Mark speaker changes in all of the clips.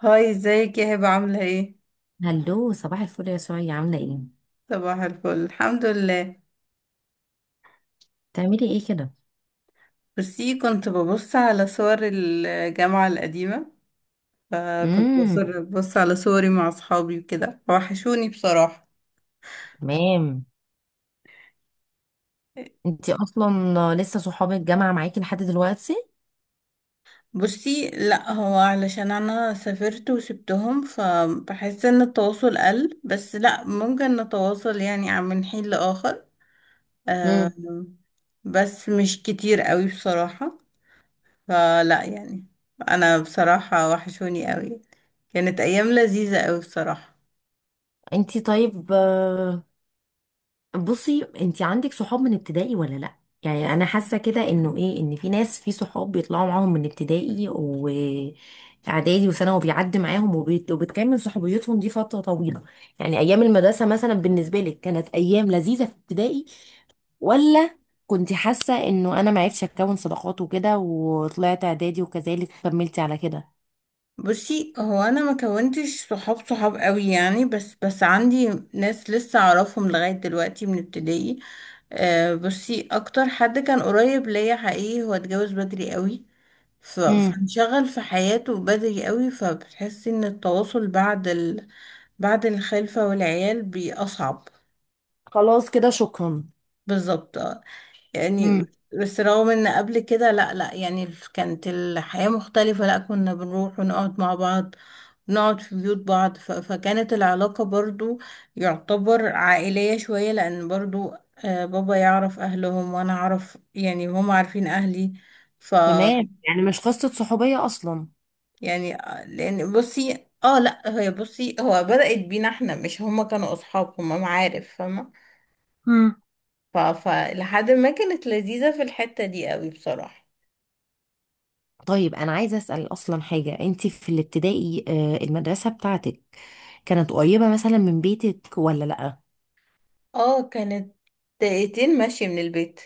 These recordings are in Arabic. Speaker 1: هاي ازيك يا هبة عاملة ايه؟
Speaker 2: هلو، صباح الفل يا سوريا، عاملة ايه؟
Speaker 1: صباح الفل، الحمد لله.
Speaker 2: بتعملي ايه كده؟
Speaker 1: بصي، كنت ببص على صور الجامعة القديمة. فكنت
Speaker 2: امم
Speaker 1: ببص على صوري مع اصحابي وكده، وحشوني بصراحة.
Speaker 2: تمام. انتي اصلا لسه صحاب الجامعة معاكي لحد دلوقتي؟
Speaker 1: بصي لا، هو علشان انا سافرت وسبتهم، فبحس ان التواصل قل. بس لا، ممكن نتواصل يعني من حين لآخر.
Speaker 2: امم.
Speaker 1: آم، بس مش كتير قوي بصراحة. فلا يعني، انا بصراحة وحشوني قوي. كانت ايام لذيذة قوي بصراحة.
Speaker 2: انتي طيب بصي انت عندك صحاب من ابتدائي ولا لا؟ يعني انا حاسه كده انه ايه، ان في ناس، في صحاب بيطلعوا معاهم من ابتدائي واعدادي وثانوي وبيعدي معاهم، وبتكمل صحوبيتهم دي فتره طويله. يعني ايام المدرسه مثلا بالنسبه لك كانت ايام لذيذه في ابتدائي، ولا كنت حاسه انه انا ما عرفتش اكون صداقات وكده وطلعت اعدادي وكذلك كملتي على كده؟
Speaker 1: بصي، هو انا ما كونتش صحاب صحاب قوي يعني، بس بس عندي ناس لسه اعرفهم لغاية دلوقتي من ابتدائي. آه، بصي اكتر حد كان قريب ليا حقيقي هو اتجوز بدري قوي.
Speaker 2: امم.
Speaker 1: فانشغل في حياته بدري قوي، فبتحسي ان التواصل بعد بعد الخلفة والعيال بيبقى اصعب.
Speaker 2: خلاص كده، شكرا.
Speaker 1: بالظبط يعني.
Speaker 2: امم.
Speaker 1: بس رغم ان قبل كده، لا لا يعني، كانت الحياة مختلفة. لا، كنا بنروح ونقعد مع بعض، نقعد في بيوت بعض. فكانت العلاقة برضو يعتبر عائلية شوية، لان برضو آه، بابا يعرف اهلهم وانا اعرف، يعني هم عارفين اهلي. ف
Speaker 2: تمام، يعني مش قصه صحوبيه اصلا.
Speaker 1: يعني آه، لان بصي لا هي بصي هو بدأت بينا، احنا مش هما كانوا اصحاب، هما معارف، فاهمة. فلحد ما كانت لذيذة في الحتة دي قوي بصراحة.
Speaker 2: طيب، انا عايزه اسال اصلا حاجه، انت في الابتدائي المدرسه بتاعتك كانت قريبه مثلا من بيتك ولا لا؟
Speaker 1: اه كانت. دقيقتين ماشي من البيت.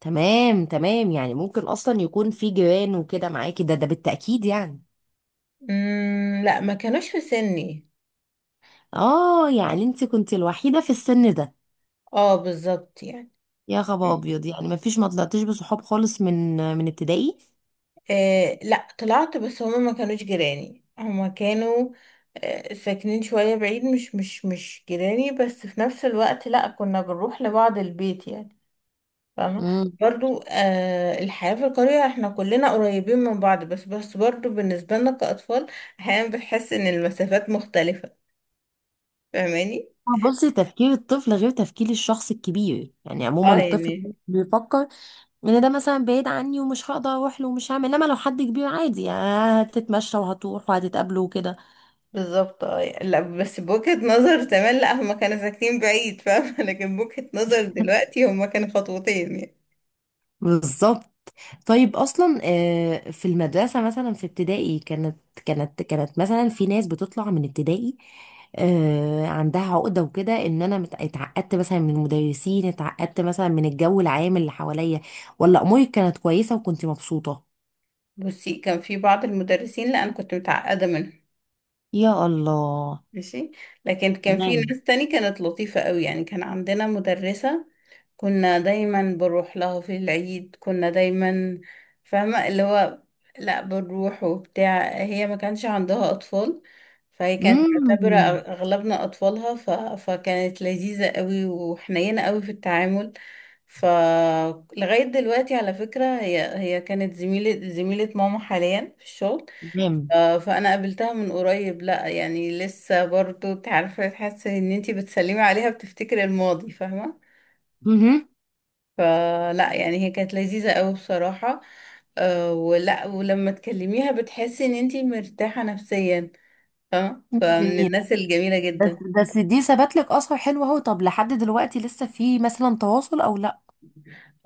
Speaker 2: تمام تمام، يعني ممكن اصلا يكون في جيران وكده معاكي، ده بالتاكيد يعني.
Speaker 1: لا، ما كانوش في سني.
Speaker 2: اه، يعني انت كنت الوحيده في السن ده؟
Speaker 1: اه بالظبط يعني.
Speaker 2: يا خبر ابيض، يعني ما فيش، ما طلعتيش بصحاب خالص من ابتدائي؟
Speaker 1: آه لا، طلعت، بس هما ما كانوش جيراني. هما كانوا آه ساكنين شوية بعيد، مش جيراني، بس في نفس الوقت لا، كنا بنروح لبعض البيت يعني، فاهمة.
Speaker 2: امم.
Speaker 1: برضو آه، الحياة في القرية احنا كلنا قريبين من بعض، بس بس برضو بالنسبة لنا كأطفال احيانا بتحس ان المسافات مختلفة، فاهماني.
Speaker 2: بصي، تفكير الطفل غير تفكير الشخص الكبير، يعني عموما
Speaker 1: اه يعني.
Speaker 2: الطفل بيفكر ان ده مثلا بعيد عني ومش هقدر اروح له ومش هعمل، انما لو حد كبير عادي يعني هتتمشى وهتروح وهتتقابله وكده.
Speaker 1: بالظبط. اه لا، بس بوجهة نظر زمان، لا هما كانوا ساكنين بعيد فاهمة لكن بوجهة نظر دلوقتي هما كانوا خطوتين يعني.
Speaker 2: بالظبط. طيب اصلا في المدرسه مثلا في ابتدائي كانت، كانت مثلا في ناس بتطلع من ابتدائي عندها عقده وكده، ان انا اتعقدت مثلا من المدرسين، اتعقدت مثلا من الجو العام اللي حواليا، ولا امورك كانت كويسه وكنت مبسوطه؟
Speaker 1: بصي، كان في بعض المدرسين لا، انا كنت متعقدة منهم،
Speaker 2: يا الله.
Speaker 1: ماشي. لكن كان في
Speaker 2: تمام.
Speaker 1: ناس تاني كانت لطيفة قوي يعني. كان عندنا مدرسة كنا دايما بنروح لها في العيد، كنا دايما فاهمة اللي هو، لا بنروح وبتاع. هي ما كانش عندها أطفال، فهي كانت معتبرة
Speaker 2: امم.
Speaker 1: أغلبنا أطفالها. فكانت لذيذة قوي وحنينة قوي في التعامل. فلغاية دلوقتي، على فكرة، هي هي كانت زميلة زميلة ماما حاليا في الشغل.
Speaker 2: تمام.
Speaker 1: آه، فانا قابلتها من قريب، لا يعني لسه برضو تعرفي تحسي ان انتي بتسلمي عليها، بتفتكري الماضي، فاهمة.
Speaker 2: مهم.
Speaker 1: فلا يعني، هي كانت لذيذة قوي بصراحة. أه، ولما تكلميها بتحسي ان انتي مرتاحة نفسيا، فاهمة، فمن
Speaker 2: جميل.
Speaker 1: الناس الجميلة
Speaker 2: بس
Speaker 1: جدا.
Speaker 2: بس دي ثبت لك اثر حلو اهو. طب لحد دلوقتي لسه في مثلا تواصل او لا؟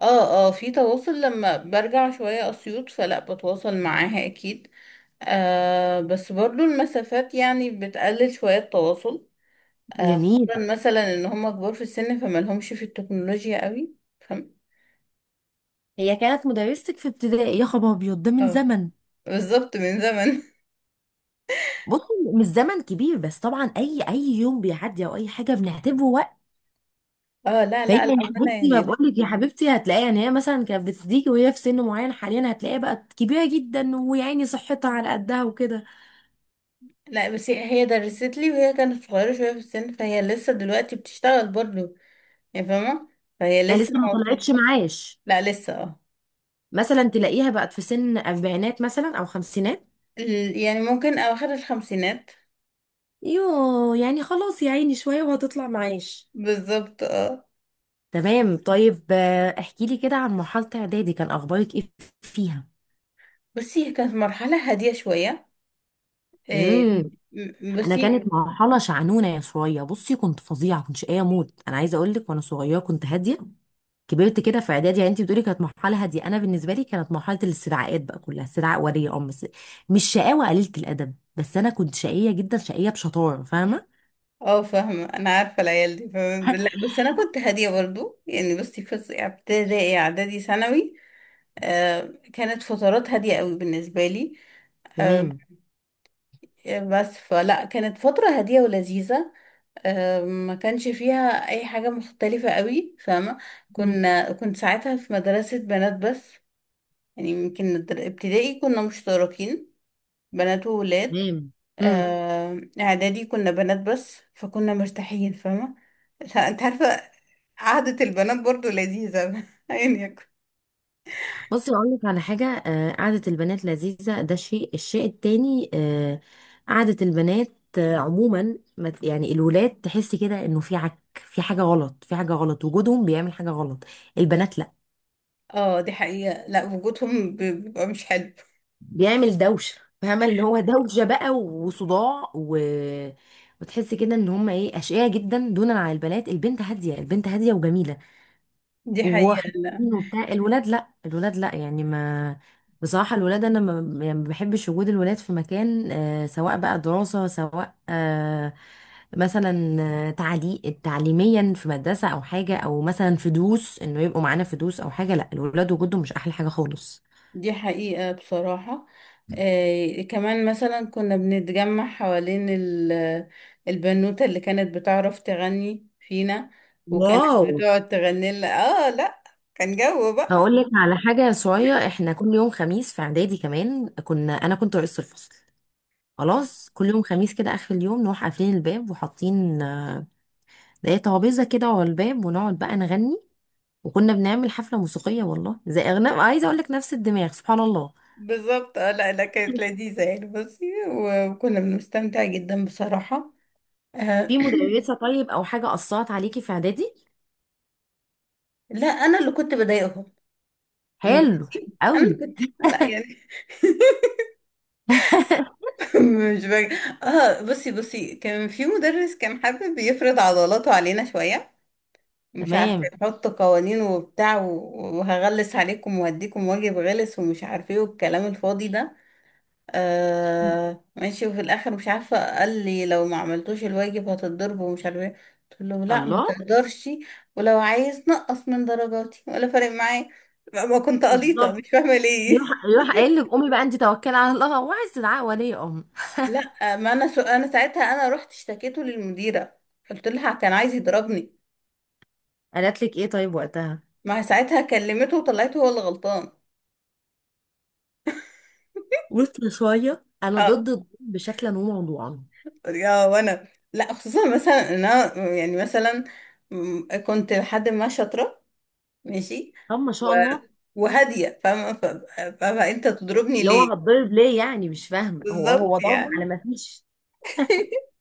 Speaker 1: اه اه، في تواصل. لما برجع شوية اسيوط فلا، بتواصل معاها اكيد. آه بس برضو المسافات يعني بتقلل شوية التواصل. آه،
Speaker 2: جميل.
Speaker 1: خصوصا مثلا ان هم كبار في السن فما لهمش في التكنولوجيا قوي، فاهم.
Speaker 2: هي كانت مدرستك في ابتدائي؟ يا خبر ابيض، ده من
Speaker 1: اه
Speaker 2: زمن.
Speaker 1: بالظبط، من زمن.
Speaker 2: بص، مش زمن كبير، بس طبعا اي، اي يوم بيعدي او اي حاجه بنعتبره وقت.
Speaker 1: اه، لا
Speaker 2: فهي
Speaker 1: لا،
Speaker 2: يا
Speaker 1: الأول
Speaker 2: حبيبتي، ما
Speaker 1: يعني لا.
Speaker 2: بقول لك يا حبيبتي، هتلاقيها، يعني هي مثلا كانت بتديكي وهي في سن معين، حاليا هتلاقيها بقت كبيره جدا، ويعني صحتها على قدها وكده.
Speaker 1: لا، بس هي هي درست لي وهي كانت صغيرة شوية في السن، فهي لسه دلوقتي بتشتغل برضه يعني، فاهمة. فهي
Speaker 2: يعني
Speaker 1: لسه
Speaker 2: لسه ما
Speaker 1: ما في.
Speaker 2: طلعتش معاش؟
Speaker 1: لا، لسه اه.
Speaker 2: مثلا تلاقيها بقت في سن اربعينات مثلا او خمسينات.
Speaker 1: يعني ممكن أواخر الخمسينات.
Speaker 2: يوه، يعني خلاص يا عيني، شوية وهتطلع معاش.
Speaker 1: بالظبط اه.
Speaker 2: تمام. طيب احكي لي كده عن مرحلة اعدادي، كان اخبارك ايه فيها؟
Speaker 1: بصي، هي كانت مرحلة هادية شوية. إيه،
Speaker 2: امم. انا
Speaker 1: بصي.
Speaker 2: كانت مرحلة شعنونة، يا شوية بصي كنت فظيعة، كنت شقية موت. انا عايزة اقول لك، وانا صغيرة كنت هادية، كبرت كده في اعدادي. يعني انت بتقولي كانت مرحلة هادية، انا بالنسبة لي كانت مرحلة الاستدعاءات بقى، كلها استدعاء ولي امر بس. مش شقاوة قليلة الادب، بس انا كنت شقية جدا، شقية بشطارة، فاهمة؟
Speaker 1: اه، فاهمة، أنا عارفة العيال دي، فاهمة. لا بس أنا كنت هادية برضه يعني. بصي في ابتدائي، إعدادي، ثانوي، آه، كانت فترات هادية قوي بالنسبة لي. آه،
Speaker 2: تمام.
Speaker 1: بس فلا، كانت فترة هادية ولذيذة. آه، ما كانش فيها اي حاجة مختلفة قوي، فاهمة.
Speaker 2: مم.
Speaker 1: كنت ساعتها في مدرسة بنات بس. يعني يمكن ابتدائي كنا مشتركين بنات وولاد.
Speaker 2: تمام.
Speaker 1: آه، اعدادي كنا بنات بس، فكنا مرتاحين، فاهمة. لا، انت عارفة، قعدة البنات برضو لذيذة يعني.
Speaker 2: بصي اقول لك على حاجه، قعده البنات لذيذه، ده شيء. الشيء التاني قعده البنات عموما، ما ت- يعني الولاد تحسي كده انه في عك، في حاجه غلط، في حاجه غلط، وجودهم بيعمل حاجه غلط. البنات لا،
Speaker 1: اه، دي حقيقة، لا وجودهم بيبقى مش حلو.
Speaker 2: بيعمل دوشه فاهمه، اللي هو دوشه بقى وصداع و... وتحسي كده ان هم ايه، اشقياء جدا دونا عن البنات. البنت هاديه، البنت هاديه وجميله
Speaker 1: دي حقيقة.
Speaker 2: وحنين وبتاع. الولاد لا، الولاد لا، يعني ما، بصراحة الولاد أنا ما، يعني ما بحبش وجود الولاد في مكان آه، سواء بقى دراسة، سواء آه، مثلا تعليميا في مدرسة أو حاجة، أو مثلا في دروس إنه يبقوا معانا في دروس أو حاجة. لا، الولاد وجودهم مش أحلى حاجة خالص.
Speaker 1: دي حقيقة بصراحة. آه، كمان مثلا كنا بنتجمع حوالين البنوتة اللي كانت بتعرف تغني فينا، وكانت
Speaker 2: واو.
Speaker 1: بتقعد تغني لنا. اه لا، كان جو بقى.
Speaker 2: هقول لك على حاجة صغيرة، احنا كل يوم خميس في إعدادي كمان، كنا، أنا كنت رئيس الفصل، خلاص كل يوم خميس كده آخر اليوم نروح قافلين الباب وحاطين، لقيت طرابيزه كده ورا الباب، ونقعد بقى نغني. وكنا بنعمل حفله موسيقيه، والله زي اغنام عايزه اقول لك، نفس الدماغ، سبحان الله.
Speaker 1: بالظبط. اه لا لا، كانت لذيذة يعني بصي، وكنا بنستمتع جدا بصراحة. آه
Speaker 2: في مدرسه طيب او حاجه اثرت عليكي في اعدادي؟
Speaker 1: لا، انا اللي كنت بضايقهم،
Speaker 2: حلو
Speaker 1: المدرسين. انا
Speaker 2: قوي.
Speaker 1: اللي كنت، لا يعني. مش بقى. اه، بصي بصي، كان في مدرس كان حابب يفرض عضلاته علينا شوية، مش عارفة،
Speaker 2: تمام.
Speaker 1: يحط قوانين وبتاع وهغلس عليكم وهديكم واجب غلس، ومش عارفة ايه، والكلام الفاضي ده.
Speaker 2: مم.
Speaker 1: آه ماشي. وفي الآخر مش عارفة، قال لي لو ما عملتوش الواجب هتتضرب، ومش عارفة ايه. قلت له لا، ما
Speaker 2: الله.
Speaker 1: تقدرش، ولو عايز نقص من درجاتي، ولا فارق معايا، ما كنت قليطة،
Speaker 2: بالظبط.
Speaker 1: مش فاهمة ليه.
Speaker 2: يروح يروح قايل لك قومي بقى انت توكلي على الله، وعايز تدعي ولي امر.
Speaker 1: لا، ما انا انا ساعتها انا رحت اشتكيته للمديرة، قلت لها كان عايز يضربني.
Speaker 2: قالت لك ايه طيب وقتها؟
Speaker 1: ما ساعتها كلمته وطلعته هو اللي غلطان.
Speaker 2: قلت شويه، انا ضد
Speaker 1: آه.
Speaker 2: الضرب بشكلا وموضوعا.
Speaker 1: يا، وانا لا، خصوصا مثلا ان انا يعني مثلا كنت لحد ما شاطره، ماشي،
Speaker 2: طب ما
Speaker 1: و-
Speaker 2: شاء الله.
Speaker 1: وهاديه فاهمه، فانت تضربني
Speaker 2: اللي هو
Speaker 1: ليه.
Speaker 2: هتضرب ليه؟ يعني مش فاهمه، هو
Speaker 1: بالظبط
Speaker 2: ضرب على
Speaker 1: يعني.
Speaker 2: ما فيش.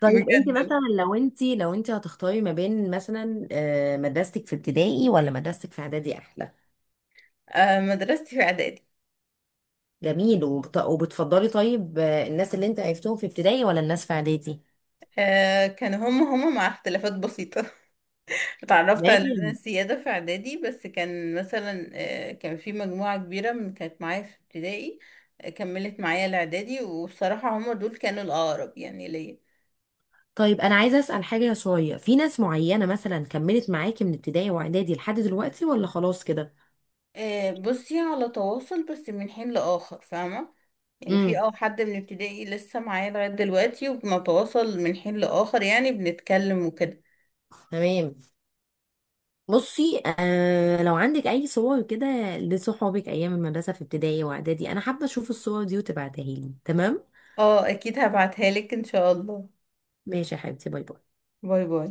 Speaker 2: طيب انت
Speaker 1: بجد.
Speaker 2: مثلا، لو انت هتختاري ما بين مثلا مدرستك في ابتدائي ولا مدرستك في اعدادي، احلى؟
Speaker 1: آه، مدرستي في اعدادي.
Speaker 2: جميل. وبتفضلي طيب الناس اللي انت عرفتهم في ابتدائي ولا الناس في اعدادي؟
Speaker 1: آه، كانوا هم هم مع اختلافات بسيطة. اتعرفت على لجنة
Speaker 2: تمام.
Speaker 1: سيادة في اعدادي، بس كان مثلا آه، كان في مجموعة كبيرة من كانت معايا في ابتدائي، آه، كملت معايا الاعدادي، والصراحة هم دول كانوا الأقرب يعني ليا.
Speaker 2: طيب انا عايزه اسال حاجه، شويه، في ناس معينه مثلا كملت معاكي من ابتدائي واعدادي لحد دلوقتي ولا خلاص كده؟
Speaker 1: آه، بصي على تواصل بس من حين لآخر، فاهمة. يعني في
Speaker 2: امم.
Speaker 1: حد من ابتدائي لسه معايا لغاية دلوقتي، وبنتواصل من حين لآخر، يعني بنتكلم وكده.
Speaker 2: تمام. بصي، آه لو عندك اي صور كده لصحابك ايام المدرسه في ابتدائي واعدادي، انا حابه اشوف الصور دي وتبعتها لي. تمام
Speaker 1: اه اكيد، هبعتها لك ان شاء الله.
Speaker 2: ماشي يا حبيبتي، باي باي.
Speaker 1: باي باي.